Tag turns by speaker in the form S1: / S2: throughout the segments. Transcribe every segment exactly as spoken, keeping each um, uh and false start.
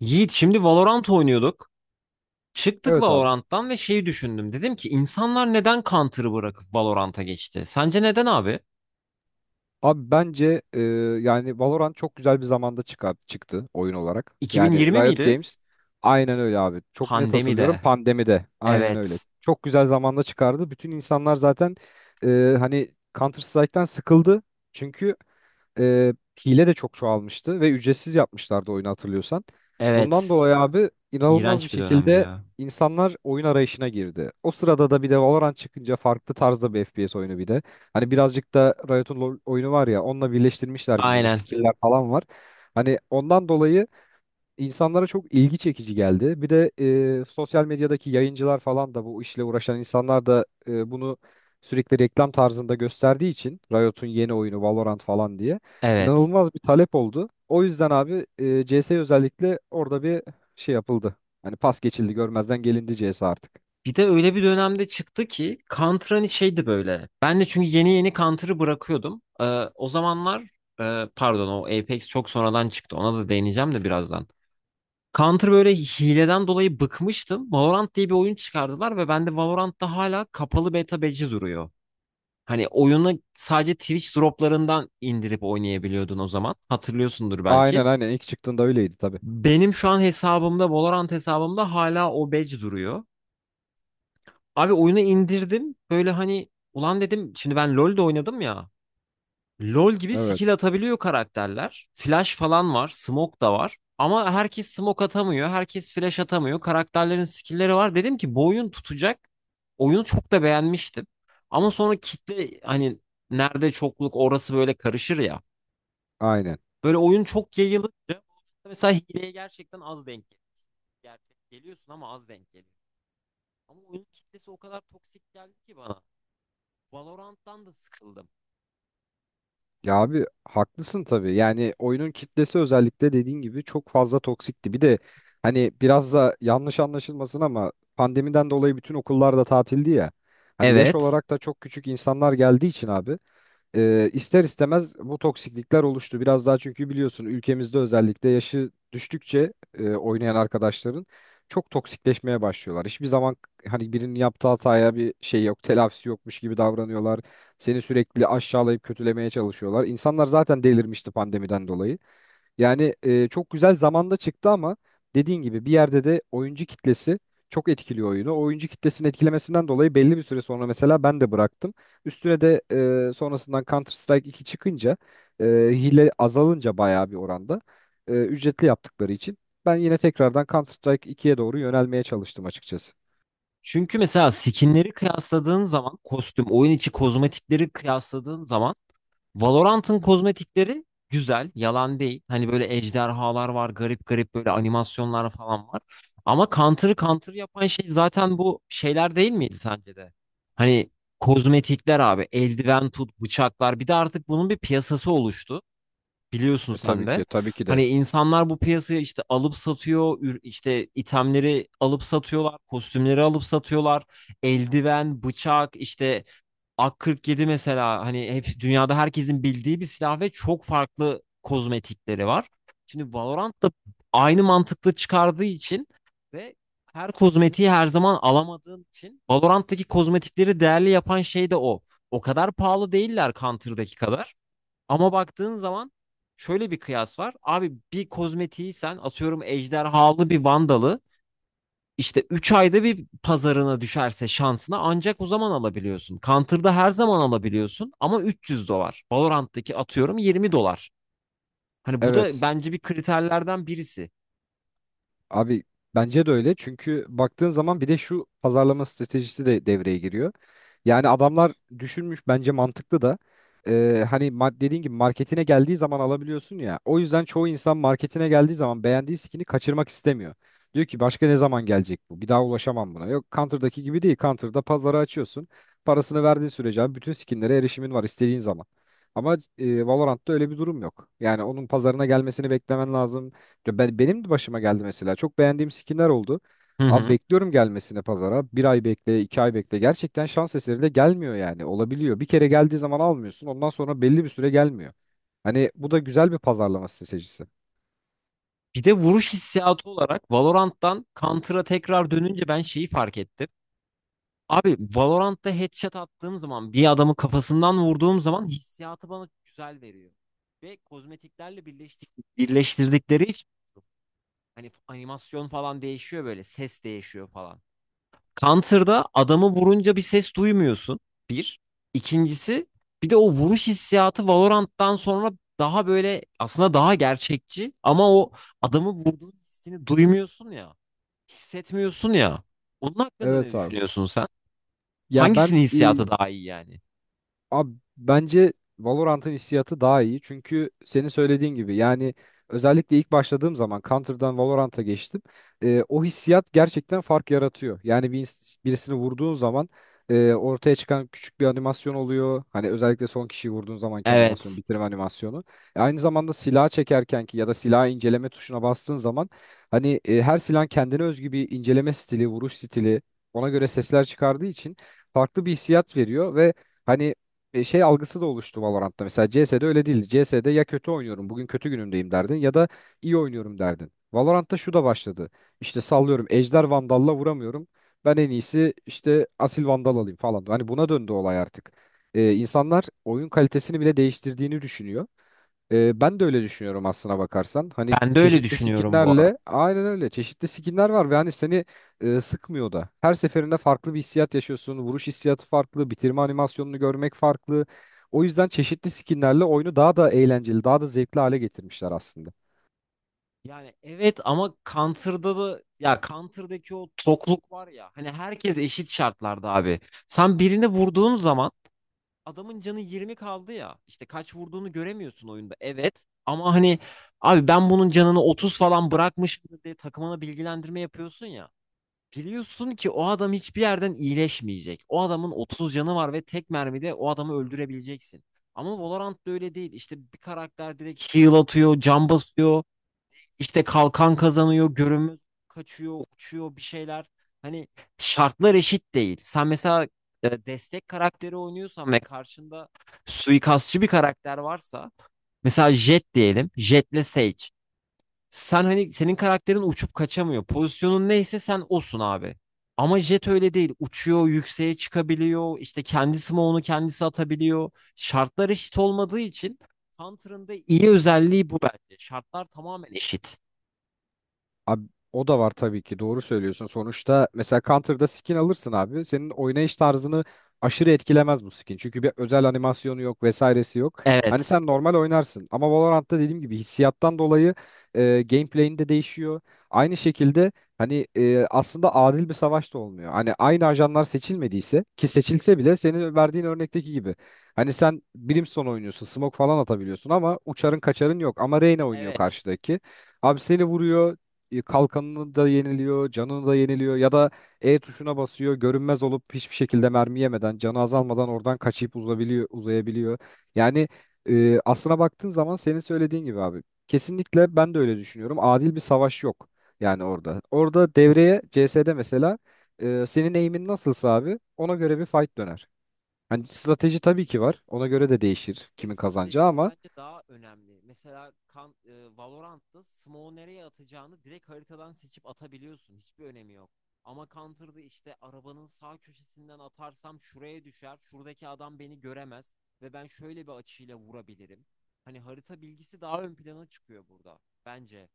S1: Yiğit şimdi Valorant oynuyorduk. Çıktık
S2: Evet abi.
S1: Valorant'tan ve şeyi düşündüm. Dedim ki insanlar neden Counter'ı bırakıp Valorant'a geçti? Sence neden abi?
S2: Abi bence e, yani Valorant çok güzel bir zamanda çıkar, çıktı oyun olarak. Yani
S1: iki bin yirmi
S2: Riot
S1: miydi?
S2: Games aynen öyle abi. Çok net hatırlıyorum
S1: Pandemide.
S2: pandemide. Aynen öyle.
S1: Evet.
S2: Çok güzel zamanda çıkardı. Bütün insanlar zaten e, hani Counter Strike'tan sıkıldı. Çünkü e, hile de çok çoğalmıştı ve ücretsiz yapmışlardı oyunu hatırlıyorsan. Bundan
S1: Evet.
S2: dolayı abi inanılmaz bir
S1: İğrenç bir dönemdi
S2: şekilde
S1: ya.
S2: insanlar oyun arayışına girdi. O sırada da bir de Valorant çıkınca farklı tarzda bir F P S oyunu bir de. Hani birazcık da Riot'un LoL oyunu var ya onunla birleştirmişler gibi bir
S1: Aynen.
S2: skill'ler falan var. Hani ondan dolayı insanlara çok ilgi çekici geldi. Bir de e, sosyal medyadaki yayıncılar falan da bu işle uğraşan insanlar da e, bunu sürekli reklam tarzında gösterdiği için Riot'un yeni oyunu Valorant falan diye
S1: Evet.
S2: inanılmaz bir talep oldu. O yüzden abi e, C S özellikle orada bir şey yapıldı. Hani pas geçildi, görmezden gelindi C S artık.
S1: Bir de öyle bir dönemde çıktı ki Counter hani şeydi böyle. Ben de çünkü yeni yeni Counter'ı bırakıyordum. Ee, o zamanlar e, pardon o Apex çok sonradan çıktı. Ona da değineceğim de birazdan. Counter böyle hileden dolayı bıkmıştım. Valorant diye bir oyun çıkardılar ve bende Valorant'ta hala kapalı beta badge'i duruyor. Hani oyunu sadece Twitch droplarından indirip oynayabiliyordun o zaman. Hatırlıyorsundur
S2: Aynen
S1: belki.
S2: aynen ilk çıktığında öyleydi tabii.
S1: Benim şu an hesabımda, Valorant hesabımda hala o badge duruyor. Abi oyunu indirdim. Böyle hani ulan dedim şimdi ben LoL'de oynadım ya. LoL gibi
S2: Evet.
S1: skill atabiliyor karakterler. Flash falan var, smoke da var. Ama herkes smoke atamıyor, herkes flash atamıyor. Karakterlerin skill'leri var. Dedim ki bu oyun tutacak. Oyunu çok da beğenmiştim. Ama sonra kitle hani nerede çokluk orası böyle karışır ya.
S2: Aynen.
S1: Böyle oyun çok yayılınca mesela hileye gerçekten az denk geliyor. Gerçek geliyorsun ama az denk geliyor. Ama oyunun kitlesi o kadar toksik geldi ki bana. Valorant'tan da sıkıldım.
S2: Ya abi haklısın tabii. Yani oyunun kitlesi özellikle dediğin gibi çok fazla toksikti. Bir de hani biraz da yanlış anlaşılmasın ama pandemiden dolayı bütün okullar da tatildi ya. Hani yaş
S1: Evet.
S2: olarak da çok küçük insanlar geldiği için abi e, ister istemez bu toksiklikler oluştu. Biraz daha çünkü biliyorsun ülkemizde özellikle yaşı düştükçe e, oynayan arkadaşların çok toksikleşmeye başlıyorlar. Hiçbir zaman hani birinin yaptığı hataya bir şey yok, telafisi yokmuş gibi davranıyorlar. Seni sürekli aşağılayıp kötülemeye çalışıyorlar. İnsanlar zaten delirmişti pandemiden dolayı. Yani e, çok güzel zamanda çıktı ama dediğin gibi bir yerde de oyuncu kitlesi çok etkiliyor oyunu. O oyuncu kitlesinin etkilemesinden dolayı belli bir süre sonra mesela ben de bıraktım. Üstüne de e, sonrasından Counter Strike iki çıkınca e, hile azalınca bayağı bir oranda e, ücretli yaptıkları için ben yine tekrardan Counter Strike ikiye doğru yönelmeye çalıştım açıkçası.
S1: Çünkü mesela skinleri kıyasladığın zaman kostüm, oyun içi kozmetikleri kıyasladığın zaman Valorant'ın kozmetikleri güzel, yalan değil. Hani böyle ejderhalar var, garip garip böyle animasyonlar falan var. Ama Counter'ı Counter yapan şey zaten bu şeyler değil miydi sence de? Hani kozmetikler abi, eldiven tut, bıçaklar. Bir de artık bunun bir piyasası oluştu. Biliyorsun
S2: E
S1: sen
S2: tabii
S1: de.
S2: ki, tabii ki de.
S1: Hani insanlar bu piyasaya işte alıp satıyor, ür- işte itemleri alıp satıyorlar, kostümleri alıp satıyorlar. Eldiven, bıçak, işte A K kırk yedi mesela hani hep dünyada herkesin bildiği bir silah ve çok farklı kozmetikleri var. Şimdi Valorant da aynı mantıklı çıkardığı için ve her kozmetiği her zaman alamadığın için Valorant'taki kozmetikleri değerli yapan şey de o. O kadar pahalı değiller Counter'daki kadar. Ama baktığın zaman şöyle bir kıyas var. Abi bir kozmetiği sen atıyorum ejderhalı bir vandalı işte üç ayda bir pazarına düşerse şansına ancak o zaman alabiliyorsun. Counter'da her zaman alabiliyorsun ama üç yüz dolar. Valorant'taki atıyorum yirmi dolar. Hani bu da
S2: Evet.
S1: bence bir kriterlerden birisi.
S2: Abi bence de öyle çünkü baktığın zaman bir de şu pazarlama stratejisi de devreye giriyor. Yani adamlar düşünmüş bence mantıklı da e, hani ma- dediğin gibi marketine geldiği zaman alabiliyorsun ya. O yüzden çoğu insan marketine geldiği zaman beğendiği skin'i kaçırmak istemiyor. Diyor ki başka ne zaman gelecek bu? Bir daha ulaşamam buna. Yok Counter'daki gibi değil. Counter'da pazarı açıyorsun. Parasını verdiğin sürece abi bütün skinlere erişimin var istediğin zaman. Ama e, Valorant'ta öyle bir durum yok. Yani onun pazarına gelmesini beklemen lazım. Ya ben, benim de başıma geldi mesela. Çok beğendiğim skinler oldu.
S1: Hı
S2: Abi
S1: hı.
S2: bekliyorum gelmesini pazara. Bir ay bekle, iki ay bekle. Gerçekten şans eseri de gelmiyor yani. Olabiliyor. Bir kere geldiği zaman almıyorsun. Ondan sonra belli bir süre gelmiyor. Hani bu da güzel bir pazarlama stratejisi.
S1: Bir de vuruş hissiyatı olarak Valorant'tan Counter'a tekrar dönünce ben şeyi fark ettim. Abi Valorant'ta headshot attığım zaman bir adamı kafasından vurduğum zaman hissiyatı bana güzel veriyor. Ve kozmetiklerle birleştik, birleştirdikleri için hani animasyon falan değişiyor böyle ses değişiyor falan. Counter'da adamı vurunca bir ses duymuyorsun. Bir. İkincisi bir de o vuruş hissiyatı Valorant'tan sonra daha böyle aslında daha gerçekçi ama o adamı vurduğun hissini duymuyorsun ya. Hissetmiyorsun ya. Onun hakkında ne
S2: Evet abi.
S1: düşünüyorsun sen?
S2: Ya
S1: Hangisinin
S2: ben e,
S1: hissiyatı daha iyi yani?
S2: Abi bence Valorant'ın hissiyatı daha iyi. Çünkü senin söylediğin gibi yani özellikle ilk başladığım zaman Counter'dan Valorant'a geçtim. Ee, o hissiyat gerçekten fark yaratıyor. Yani bir, ins- birisini vurduğun zaman e, ortaya çıkan küçük bir animasyon oluyor. Hani özellikle son kişiyi vurduğun zamanki animasyon,
S1: Evet.
S2: bitirme animasyonu. E, aynı zamanda silah çekerken ki ya da silah inceleme tuşuna bastığın zaman hani e, her silah kendine özgü bir inceleme stili, vuruş stili ona göre sesler çıkardığı için farklı bir hissiyat veriyor ve hani e, şey algısı da oluştu Valorant'ta. Mesela C S'de öyle değildi. C S'de ya kötü oynuyorum, bugün kötü günümdeyim derdin ya da iyi oynuyorum derdin. Valorant'ta şu da başladı. İşte sallıyorum Ejder Vandal'la vuramıyorum. Ben en iyisi işte Asil Vandal alayım falan. Hani buna döndü olay artık. E, insanlar oyun kalitesini bile değiştirdiğini düşünüyor. Ee, ben de öyle düşünüyorum aslına bakarsan. Hani
S1: Ben de öyle
S2: çeşitli
S1: düşünüyorum bu arada.
S2: skinlerle aynen öyle çeşitli skinler var ve hani seni e, sıkmıyor da. Her seferinde farklı bir hissiyat yaşıyorsun. Vuruş hissiyatı farklı, bitirme animasyonunu görmek farklı. O yüzden çeşitli skinlerle oyunu daha da eğlenceli, daha da zevkli hale getirmişler aslında.
S1: Yani evet ama Counter'da da ya Counter'daki o tokluk var ya hani herkes eşit şartlarda abi. Sen birini vurduğun zaman adamın canı yirmi kaldı ya. İşte kaç vurduğunu göremiyorsun oyunda. Evet ama hani abi ben bunun canını otuz falan bırakmışım diye takımına bilgilendirme yapıyorsun ya. Biliyorsun ki o adam hiçbir yerden iyileşmeyecek. O adamın otuz canı var ve tek mermide o adamı öldürebileceksin. Ama Valorant'ta öyle değil. İşte bir karakter direkt heal atıyor, can basıyor, işte kalkan kazanıyor, görünmez kaçıyor, uçuyor bir şeyler. Hani şartlar eşit değil. Sen mesela e, destek karakteri oynuyorsan ve karşında suikastçı bir karakter varsa mesela Jett diyelim. Jett'le Sage. Sen hani senin karakterin uçup kaçamıyor. Pozisyonun neyse sen osun abi. Ama Jet öyle değil. Uçuyor, yükseğe çıkabiliyor. İşte kendi smoke'unu kendisi atabiliyor. Şartlar eşit olmadığı için Counter'ın da iyi özelliği bu bence. Şartlar tamamen eşit.
S2: Abi o da var tabii ki doğru söylüyorsun. Sonuçta mesela Counter'da skin alırsın abi. Senin oynayış tarzını aşırı etkilemez bu skin. Çünkü bir özel animasyonu yok vesairesi yok. Hani
S1: Evet.
S2: sen normal oynarsın. Ama Valorant'ta dediğim gibi hissiyattan dolayı e, gameplay'in de değişiyor. Aynı şekilde hani e, aslında adil bir savaş da olmuyor. Hani aynı ajanlar seçilmediyse ki seçilse bile senin verdiğin örnekteki gibi. Hani sen Brimstone oynuyorsun, smoke falan atabiliyorsun ama uçarın kaçarın yok. Ama Reyna oynuyor
S1: Evet.
S2: karşıdaki. Abi seni vuruyor, e, kalkanını da yeniliyor, canını da yeniliyor ya da E tuşuna basıyor, görünmez olup hiçbir şekilde mermi yemeden, canı azalmadan oradan kaçıp uzabiliyor, uzayabiliyor. Yani e, aslına baktığın zaman senin söylediğin gibi abi. Kesinlikle ben de öyle düşünüyorum. Adil bir savaş yok yani orada. Orada devreye C S'de mesela e, senin eğimin nasılsa abi ona göre bir fight döner. Hani strateji tabii ki var. Ona göre de değişir
S1: Ve
S2: kimin kazanacağı
S1: stratejiler
S2: ama
S1: bence daha önemli. Mesela kan, e, Valorant'ta smoke'u nereye atacağını direkt haritadan seçip atabiliyorsun. Hiçbir önemi yok. Ama Counter'da işte arabanın sağ köşesinden atarsam şuraya düşer. Şuradaki adam beni göremez ve ben şöyle bir açıyla vurabilirim. Hani harita bilgisi daha ön plana çıkıyor burada bence.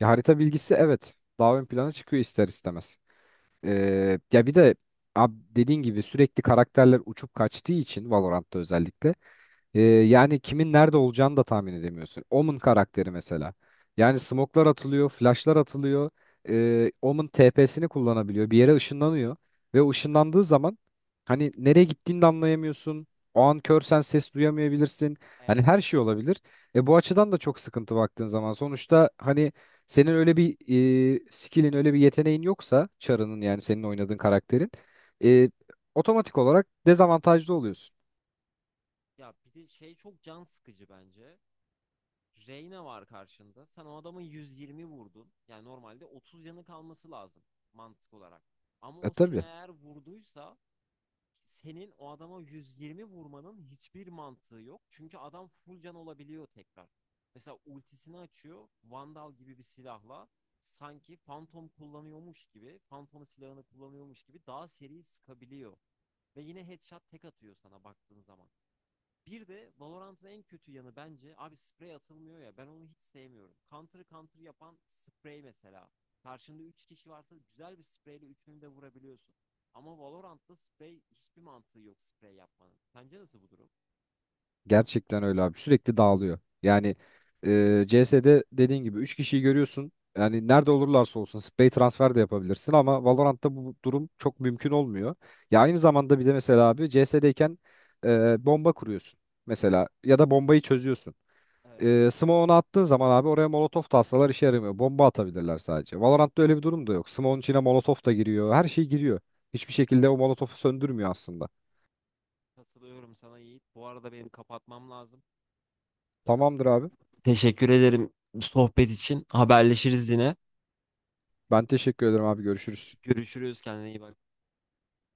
S2: ya harita bilgisi evet daha ön plana çıkıyor ister istemez. Ee, ya bir de abi dediğin gibi sürekli karakterler uçup kaçtığı için Valorant'ta özellikle ee, yani kimin nerede olacağını da tahmin edemiyorsun. Omen karakteri mesela. Yani smoklar atılıyor, flashlar atılıyor. Ee, Omen T P'sini kullanabiliyor. Bir yere ışınlanıyor. Ve o ışınlandığı zaman hani nereye gittiğini de anlayamıyorsun. O an körsen ses duyamayabilirsin. Hani
S1: Evet.
S2: her şey olabilir. E, bu açıdan da çok sıkıntı baktığın zaman. Sonuçta hani senin öyle bir e, skillin, öyle bir yeteneğin yoksa Char'ının yani senin oynadığın karakterin e, otomatik olarak dezavantajlı oluyorsun.
S1: Ya bir de şey çok can sıkıcı bence. Reyna var karşında. Sen o adamın yüz yirmi vurdun. Yani normalde otuz yanı kalması lazım mantık olarak. Ama
S2: E
S1: o seni
S2: tabii.
S1: eğer vurduysa senin o adama yüz yirmi vurmanın hiçbir mantığı yok. Çünkü adam full can olabiliyor tekrar. Mesela ultisini açıyor. Vandal gibi bir silahla sanki Phantom kullanıyormuş gibi, Phantom silahını kullanıyormuş gibi daha seri sıkabiliyor. Ve yine headshot tek atıyor sana baktığın zaman. Bir de Valorant'ın en kötü yanı bence abi sprey atılmıyor ya ben onu hiç sevmiyorum. Counter counter yapan sprey mesela. Karşında üç kişi varsa güzel bir spreyle üçünü de vurabiliyorsun. Ama Valorant'ta sprey hiçbir mantığı yok sprey yapmanın. Sence nasıl bu durum?
S2: Gerçekten öyle abi. Sürekli dağılıyor. Yani e, C S'de dediğin gibi üç kişiyi görüyorsun. Yani nerede olurlarsa olsun spey transfer de yapabilirsin ama Valorant'ta bu durum çok mümkün olmuyor. Ya aynı zamanda bir de mesela abi C S'deyken e, bomba kuruyorsun mesela ya da bombayı çözüyorsun.
S1: Evet,
S2: E, smoke'unu attığın zaman abi oraya molotof da atsalar işe yaramıyor. Bomba atabilirler sadece. Valorant'ta öyle bir durum da yok. Smoke'un içine molotof da giriyor. Her şey giriyor. Hiçbir şekilde o molotofu söndürmüyor aslında.
S1: katılıyorum sana Yiğit. Bu arada benim kapatmam lazım.
S2: Tamamdır abi.
S1: Teşekkür ederim sohbet için. Haberleşiriz yine.
S2: Ben teşekkür ederim abi. Görüşürüz.
S1: Görüşürüz, kendine iyi bak.